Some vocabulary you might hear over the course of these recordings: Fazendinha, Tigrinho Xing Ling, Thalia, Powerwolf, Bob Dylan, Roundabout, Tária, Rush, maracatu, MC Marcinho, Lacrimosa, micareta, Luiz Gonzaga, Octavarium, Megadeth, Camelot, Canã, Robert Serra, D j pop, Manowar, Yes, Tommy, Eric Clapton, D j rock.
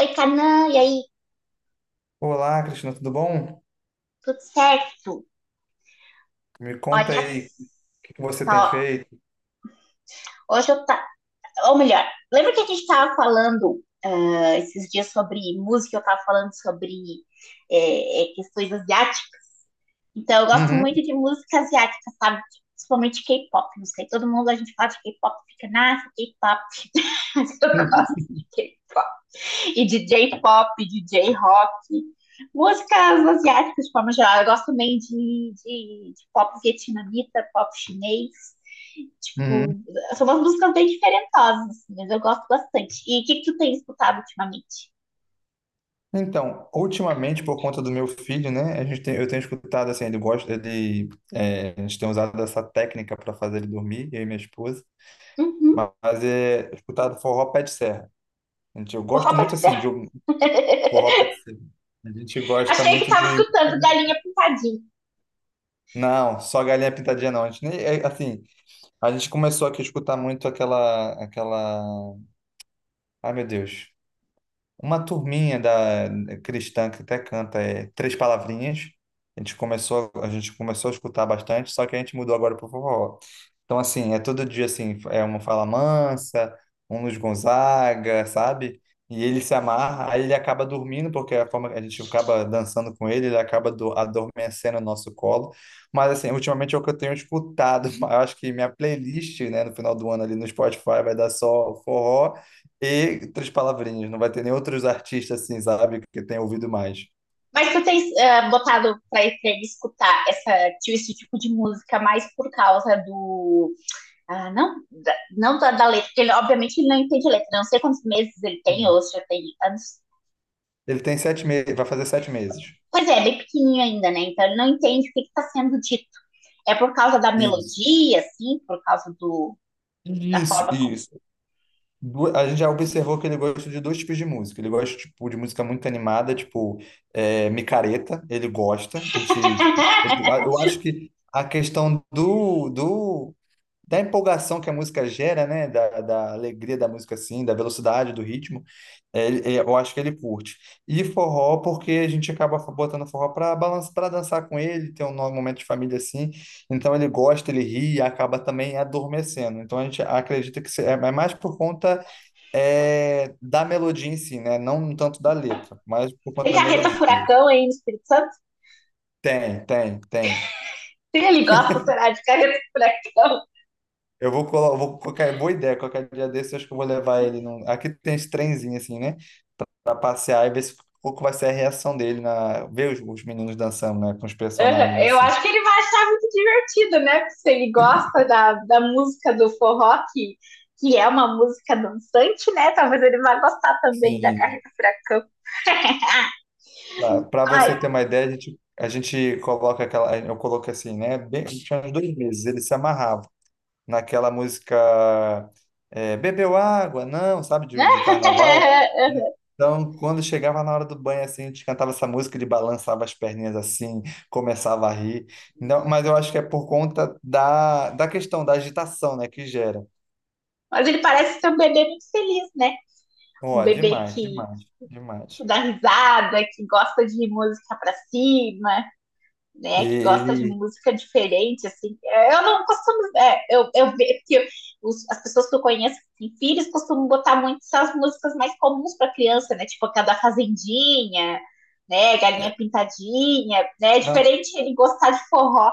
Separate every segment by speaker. Speaker 1: Oi, Canã, e aí?
Speaker 2: Olá, Cristina, tudo bom?
Speaker 1: Tudo certo?
Speaker 2: Me conta
Speaker 1: Olha
Speaker 2: aí o que que você tem
Speaker 1: só,
Speaker 2: feito.
Speaker 1: hoje eu tá, ou melhor, lembra que a gente tava falando esses dias sobre música, eu tava falando sobre questões asiáticas. Então, eu gosto
Speaker 2: Uhum,
Speaker 1: muito de música asiática, sabe? Principalmente K-pop, não sei, todo mundo a gente fala de K-pop, fica, nossa, K-pop, mas eu gosto de K-pop. E D j pop, D j rock, músicas asiáticas de forma geral. Eu gosto também de pop vietnamita, pop chinês.
Speaker 2: uhum.
Speaker 1: Tipo, são umas músicas bem diferentosas, assim, mas eu gosto bastante. E o que tu tem escutado ultimamente?
Speaker 2: Então, ultimamente, por conta do meu filho, né, eu tenho escutado assim, ele gosta, ele, é, a gente tem usado essa técnica para fazer ele dormir, eu e minha esposa,
Speaker 1: Uhum.
Speaker 2: mas é escutado forró pé de serra. Eu
Speaker 1: O
Speaker 2: gosto
Speaker 1: Robert
Speaker 2: muito assim de
Speaker 1: Serra.
Speaker 2: um forró pé de serra. A gente gosta
Speaker 1: Achei que
Speaker 2: muito
Speaker 1: tava
Speaker 2: de
Speaker 1: escutando Galinha Pintadinha.
Speaker 2: não, só galinha pintadinha não. A gente nem, assim, a gente começou aqui a escutar muito aquela. Ai, meu Deus. Uma turminha da cristã que até canta três palavrinhas. A gente começou a escutar bastante, só que a gente mudou agora para o forró. Então, assim, é todo dia assim, é uma Fala Mansa, um Luiz Gonzaga, sabe? E ele se amarra, aí ele acaba dormindo, porque a forma que a gente acaba dançando com ele, ele acaba adormecendo no nosso colo. Mas, assim, ultimamente é o que eu tenho escutado. Eu acho que minha playlist, né, no final do ano ali no Spotify vai dar só forró e três palavrinhas, não vai ter nem outros artistas assim, sabe, que tem ouvido mais.
Speaker 1: Mas tu tens botado pra ele escutar essa, esse tipo de música mais por causa do. Ah, não, não da letra, porque ele obviamente ele não entende letra, não sei quantos meses ele tem,
Speaker 2: Sim.
Speaker 1: ou se já tem anos.
Speaker 2: Ele tem 7 meses, vai fazer 7 meses.
Speaker 1: Pois é, é bem pequenininho ainda, né? Então ele não entende o que está sendo dito. É por causa da
Speaker 2: Isso.
Speaker 1: melodia, assim, por causa do, da
Speaker 2: Isso,
Speaker 1: forma como.
Speaker 2: isso. A gente já observou que ele gosta de dois tipos de música. Ele gosta, tipo, de música muito animada, tipo, micareta, ele gosta. A gente, tipo, eu acho que a questão do, do da empolgação que a música gera, né? Da alegria da música, assim, da velocidade do ritmo, eu acho que ele curte. E forró, porque a gente acaba botando forró para balançar, para dançar com ele, ter um momento de família assim. Então ele gosta, ele ri e acaba também adormecendo. Então a gente acredita que é mais por conta da melodia em si, né? Não tanto da letra, mas por conta
Speaker 1: Tem
Speaker 2: da
Speaker 1: carreta
Speaker 2: melodia.
Speaker 1: furacão aí no Espírito Santo?
Speaker 2: Tem, tem, tem.
Speaker 1: Sim, ele gosta, será, de carreta furacão.
Speaker 2: Eu vou colocar, boa ideia, qualquer dia desse, eu acho que eu vou levar ele num. Aqui tem esse trenzinho assim, né? Pra passear e ver se, qual que vai ser a reação dele na ver os meninos dançando, né, com os
Speaker 1: Aham.
Speaker 2: personagens
Speaker 1: Eu
Speaker 2: assim.
Speaker 1: acho que ele vai achar muito divertido, né? Porque se ele gosta da música do forró, que é uma música dançante, né? Talvez ele vá gostar também da
Speaker 2: Sim.
Speaker 1: carreta furacão.
Speaker 2: Pra
Speaker 1: Ai.
Speaker 2: você ter uma ideia, a gente coloca aquela, eu coloquei assim, né, bem, tinha uns 2 meses, ele se amarrava naquela música Bebeu água, não, sabe, de carnaval. Então, quando chegava na hora do banho, assim, a gente cantava essa música, ele balançava as perninhas assim, começava a rir. Não, mas eu acho que é por conta da questão da agitação, né, que gera.
Speaker 1: Mas ele parece ser um bebê muito feliz, né? Um
Speaker 2: Ó,
Speaker 1: bebê
Speaker 2: demais, demais,
Speaker 1: que
Speaker 2: demais.
Speaker 1: dá risada, que gosta de música pra cima,
Speaker 2: E
Speaker 1: né? Que gosta de
Speaker 2: ele.
Speaker 1: música diferente, assim. Eu não costumo. Eu vejo que as pessoas que eu conheço que têm filhos costumam botar muito essas músicas mais comuns pra criança, né? Tipo aquela da Fazendinha, né? Galinha Pintadinha, né? É
Speaker 2: Não,
Speaker 1: diferente ele gostar de forró.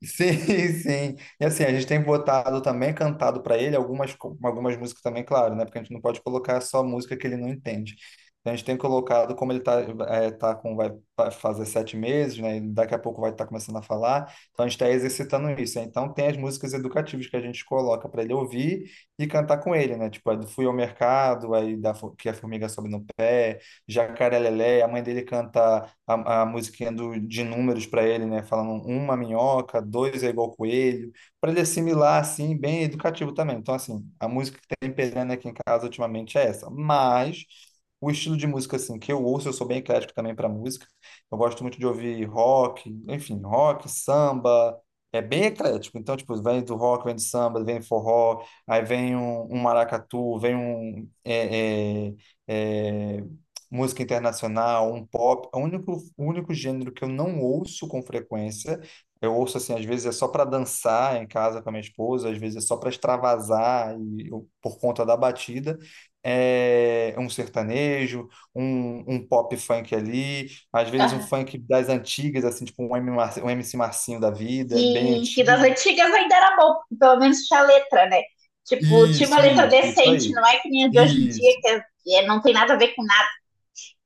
Speaker 2: sim, sim. E assim, a gente tem botado também, cantado para ele algumas, algumas músicas também, claro, né? Porque a gente não pode colocar só música que ele não entende. Então a gente tem colocado, como ele tá, tá com, vai fazer 7 meses, né? E daqui a pouco vai estar começando a falar. Então a gente está exercitando isso, né. Então tem as músicas educativas que a gente coloca para ele ouvir e cantar com ele, né? Tipo, a do Fui ao Mercado, aí que a formiga sobe no pé, Jacaré Lelé, a mãe dele canta. A musiquinha de números para ele, né? Falando uma minhoca, dois é igual coelho, para ele assimilar, assim, bem educativo também. Então, assim, a música que tem pegando aqui em casa ultimamente é essa. Mas o estilo de música, assim, que eu ouço, eu sou bem eclético também para música. Eu gosto muito de ouvir rock, enfim, rock, samba. É bem eclético, então, tipo, vem do rock, vem do samba, vem forró, aí vem um, maracatu, vem um, é, música internacional, um pop. O único gênero que eu não ouço com frequência, eu ouço assim, às vezes é só para dançar em casa com a minha esposa, às vezes é só para extravasar e por conta da batida. É um sertanejo, um pop funk ali, às vezes um
Speaker 1: Aham.
Speaker 2: funk das antigas, assim, tipo um MC Marcinho da vida, bem
Speaker 1: Sim, sim, das
Speaker 2: antigo.
Speaker 1: antigas ainda era bom, porque pelo menos tinha letra, né? Tipo, tinha uma
Speaker 2: Isso,
Speaker 1: letra
Speaker 2: isso, isso
Speaker 1: decente,
Speaker 2: aí.
Speaker 1: não é que nem a de hoje em dia,
Speaker 2: Isso.
Speaker 1: não tem nada a ver com nada.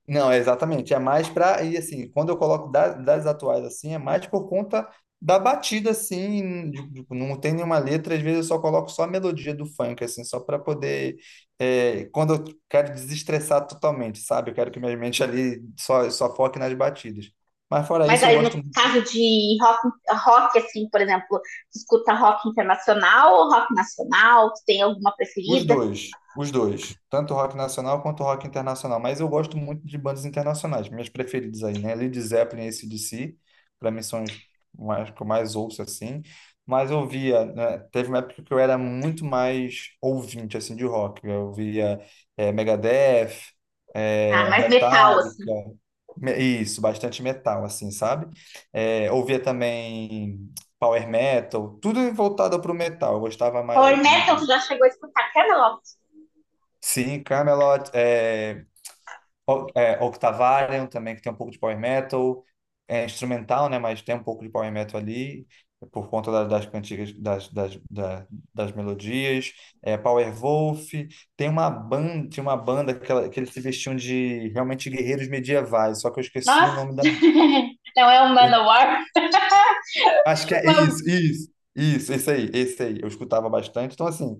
Speaker 2: Não, é exatamente. É mais para. E assim, quando eu coloco das atuais assim, é mais por conta da batida, assim. Não tem nenhuma letra, às vezes eu só coloco só a melodia do funk, assim, só para poder. Quando eu quero desestressar totalmente, sabe? Eu quero que minha mente ali só foque nas batidas. Mas fora
Speaker 1: Mas
Speaker 2: isso, eu
Speaker 1: aí no
Speaker 2: gosto.
Speaker 1: caso de rock, rock assim, por exemplo, tu escuta rock internacional ou rock nacional? Tu tem alguma preferida?
Speaker 2: Os dois, tanto rock nacional quanto rock internacional, mas eu gosto muito de bandas internacionais, minhas preferidas aí, né? Led Zeppelin e AC/DC, para mim são os mais, que eu mais ouço assim, mas eu via, né? Teve uma época que eu era muito mais ouvinte assim de rock, eu via Megadeth,
Speaker 1: Ah, mais metal, assim.
Speaker 2: Metallica, isso, bastante metal assim, sabe? Ouvia também power metal, tudo voltado para o metal, eu gostava
Speaker 1: Power
Speaker 2: mais.
Speaker 1: metal, tu já chegou a escutar Camelot?
Speaker 2: Sim, Camelot, Octavarium também, que tem um pouco de power metal, é instrumental, né, mas tem um pouco de power metal ali, por conta das cantigas, das melodias, Powerwolf, tinha uma banda que, que eles se vestiam de, realmente, guerreiros medievais, só que eu esqueci o
Speaker 1: Nossa!
Speaker 2: nome da.
Speaker 1: Não é um
Speaker 2: Eu
Speaker 1: Manowar?
Speaker 2: acho que é isso, isso, isso, esse aí, eu escutava bastante, então assim.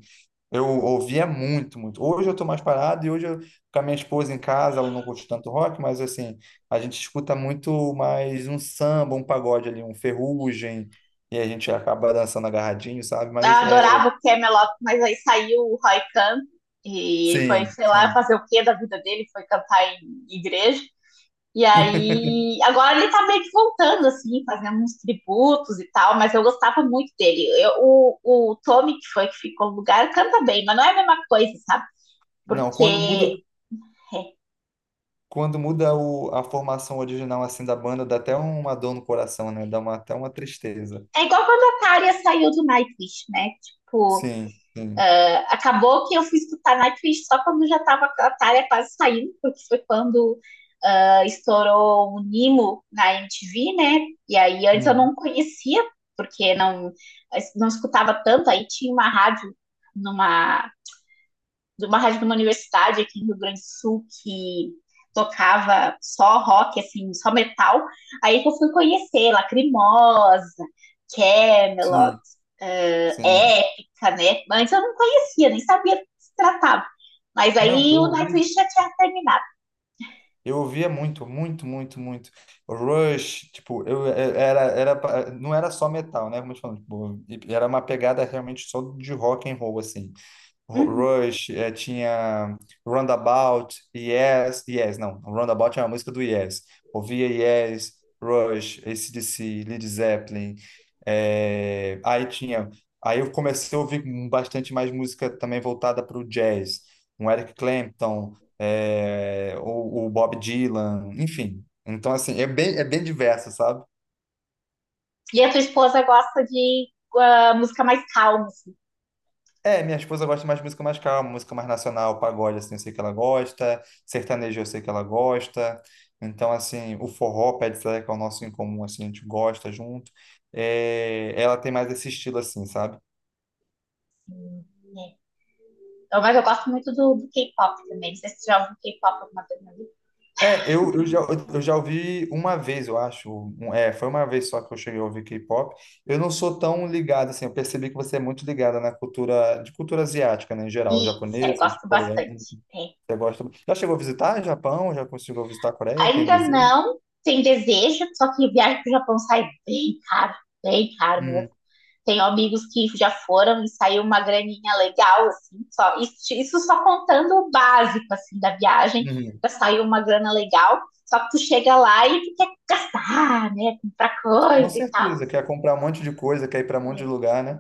Speaker 2: Eu ouvia muito, muito. Hoje eu tô mais parado e hoje eu, com a minha esposa em casa, ela não curte tanto rock, mas assim, a gente escuta muito mais um samba, um pagode ali, um ferrugem, e a gente acaba dançando agarradinho, sabe?
Speaker 1: Eu
Speaker 2: Mas é,
Speaker 1: adorava o Camelot, mas aí saiu o Roy Khan e ele foi,
Speaker 2: sim,
Speaker 1: sei lá,
Speaker 2: sim.
Speaker 1: fazer o quê da vida dele, foi cantar em igreja. E aí, agora ele tá meio que voltando, assim, fazendo uns tributos e tal, mas eu gostava muito dele. Eu, o Tommy, que foi que ficou no lugar, canta bem, mas não é a mesma coisa, sabe?
Speaker 2: Não,
Speaker 1: Porque
Speaker 2: quando muda,
Speaker 1: é,
Speaker 2: quando muda a formação original assim da banda, dá até uma dor no coração, né? Dá até uma tristeza.
Speaker 1: É igual quando a Tária saiu do Nightwish, né? Tipo,
Speaker 2: Sim, sim.
Speaker 1: acabou que eu fui escutar Nightwish só quando já estava a Thalia quase saindo, porque foi quando estourou o Nimo na MTV, né? E aí antes eu
Speaker 2: Uhum.
Speaker 1: não conhecia, porque não, não escutava tanto, aí tinha uma rádio numa de uma rádio de uma universidade aqui no Rio Grande do Sul que tocava só rock, assim, só metal. Aí que eu fui conhecer Lacrimosa, Camelot,
Speaker 2: Sim, sim.
Speaker 1: Épica, né? Antes eu não conhecia, nem sabia do que se tratava. Mas
Speaker 2: Não,
Speaker 1: aí
Speaker 2: eu
Speaker 1: o
Speaker 2: ouvi.
Speaker 1: Nightwish já tinha terminado.
Speaker 2: Eu ouvia muito, muito, muito, muito. Rush, tipo, não era só metal, né? Como eu te falo, tipo, era uma pegada realmente só de rock and roll, assim.
Speaker 1: Uhum.
Speaker 2: Rush, tinha Roundabout, Yes, Yes, não, Roundabout é uma música do Yes. Ouvia Yes, Rush, AC/DC, Led Zeppelin. É, aí eu comecei a ouvir bastante mais música também voltada para o jazz, um Eric Clapton, o Bob Dylan, enfim. Então assim, é bem, diverso, sabe?
Speaker 1: E a tua esposa gosta de música mais calma, assim.
Speaker 2: É, minha esposa gosta mais de música mais calma, música mais nacional, pagode, assim, eu sei que ela gosta, sertanejo eu sei que ela gosta, então, assim, o forró, pé de serra, que é o nosso em comum, assim, a gente gosta junto. É, ela tem mais esse estilo, assim, sabe?
Speaker 1: Né? Então, mas eu gosto muito do K-pop também. Não sei se você já ouviu K-pop alguma vez na vida.
Speaker 2: É, eu já ouvi uma vez, eu acho, foi uma vez só que eu cheguei a ouvir K-pop, eu não sou tão ligado, assim, eu percebi que você é muito ligada na cultura, de cultura asiática, né, em geral,
Speaker 1: Isso, é,
Speaker 2: japonesa,
Speaker 1: gosto
Speaker 2: coreana,
Speaker 1: bastante. É.
Speaker 2: você gosta. Já chegou a visitar Japão? Já conseguiu visitar a Coreia? Tem
Speaker 1: Ainda
Speaker 2: desejo?
Speaker 1: não tem desejo, só que viagem pro Japão sai bem caro
Speaker 2: Uhum,
Speaker 1: mesmo. Tenho amigos que já foram e saiu uma graninha legal, assim, só, isso só contando o básico, assim, da viagem,
Speaker 2: uhum.
Speaker 1: já saiu uma grana legal, só que tu chega lá e tu quer gastar, né, comprar
Speaker 2: Com
Speaker 1: coisa e tal,
Speaker 2: certeza, quer comprar um monte de coisa, quer ir para um monte de
Speaker 1: né?
Speaker 2: lugar, né?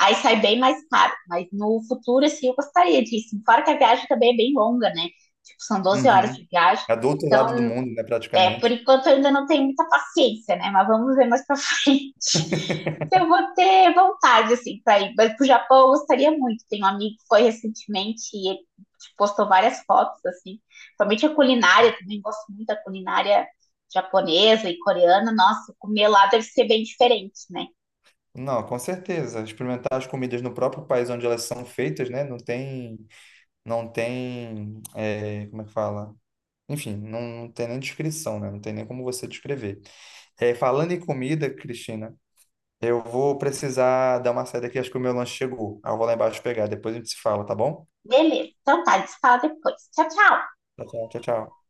Speaker 1: Aí sai bem mais caro, mas no futuro, assim, eu gostaria disso, fora que a viagem também é bem longa, né, tipo, são 12 horas
Speaker 2: Uhum.
Speaker 1: de viagem,
Speaker 2: É do outro lado do
Speaker 1: então.
Speaker 2: mundo, né,
Speaker 1: É, por
Speaker 2: praticamente.
Speaker 1: enquanto eu ainda não tenho muita paciência, né? Mas vamos ver mais pra frente se eu vou ter vontade, assim, pra ir. Mas pro Japão eu gostaria muito. Tem um amigo que foi recentemente e ele tipo, postou várias fotos, assim. Somente a culinária, também gosto muito da culinária japonesa e coreana. Nossa, comer lá deve ser bem diferente, né?
Speaker 2: Não, com certeza. Experimentar as comidas no próprio país onde elas são feitas, né? Não tem, como é que fala? Enfim, não, não tem nem descrição, né? Não tem nem como você descrever. É, falando em comida, Cristina, eu vou precisar dar uma saída aqui, acho que o meu lanche chegou. Aí eu vou lá embaixo pegar, depois a gente se fala, tá bom?
Speaker 1: Beleza, então tá, a gente fala depois. Tchau, tchau!
Speaker 2: Tchau, tchau, tchau. Tchau.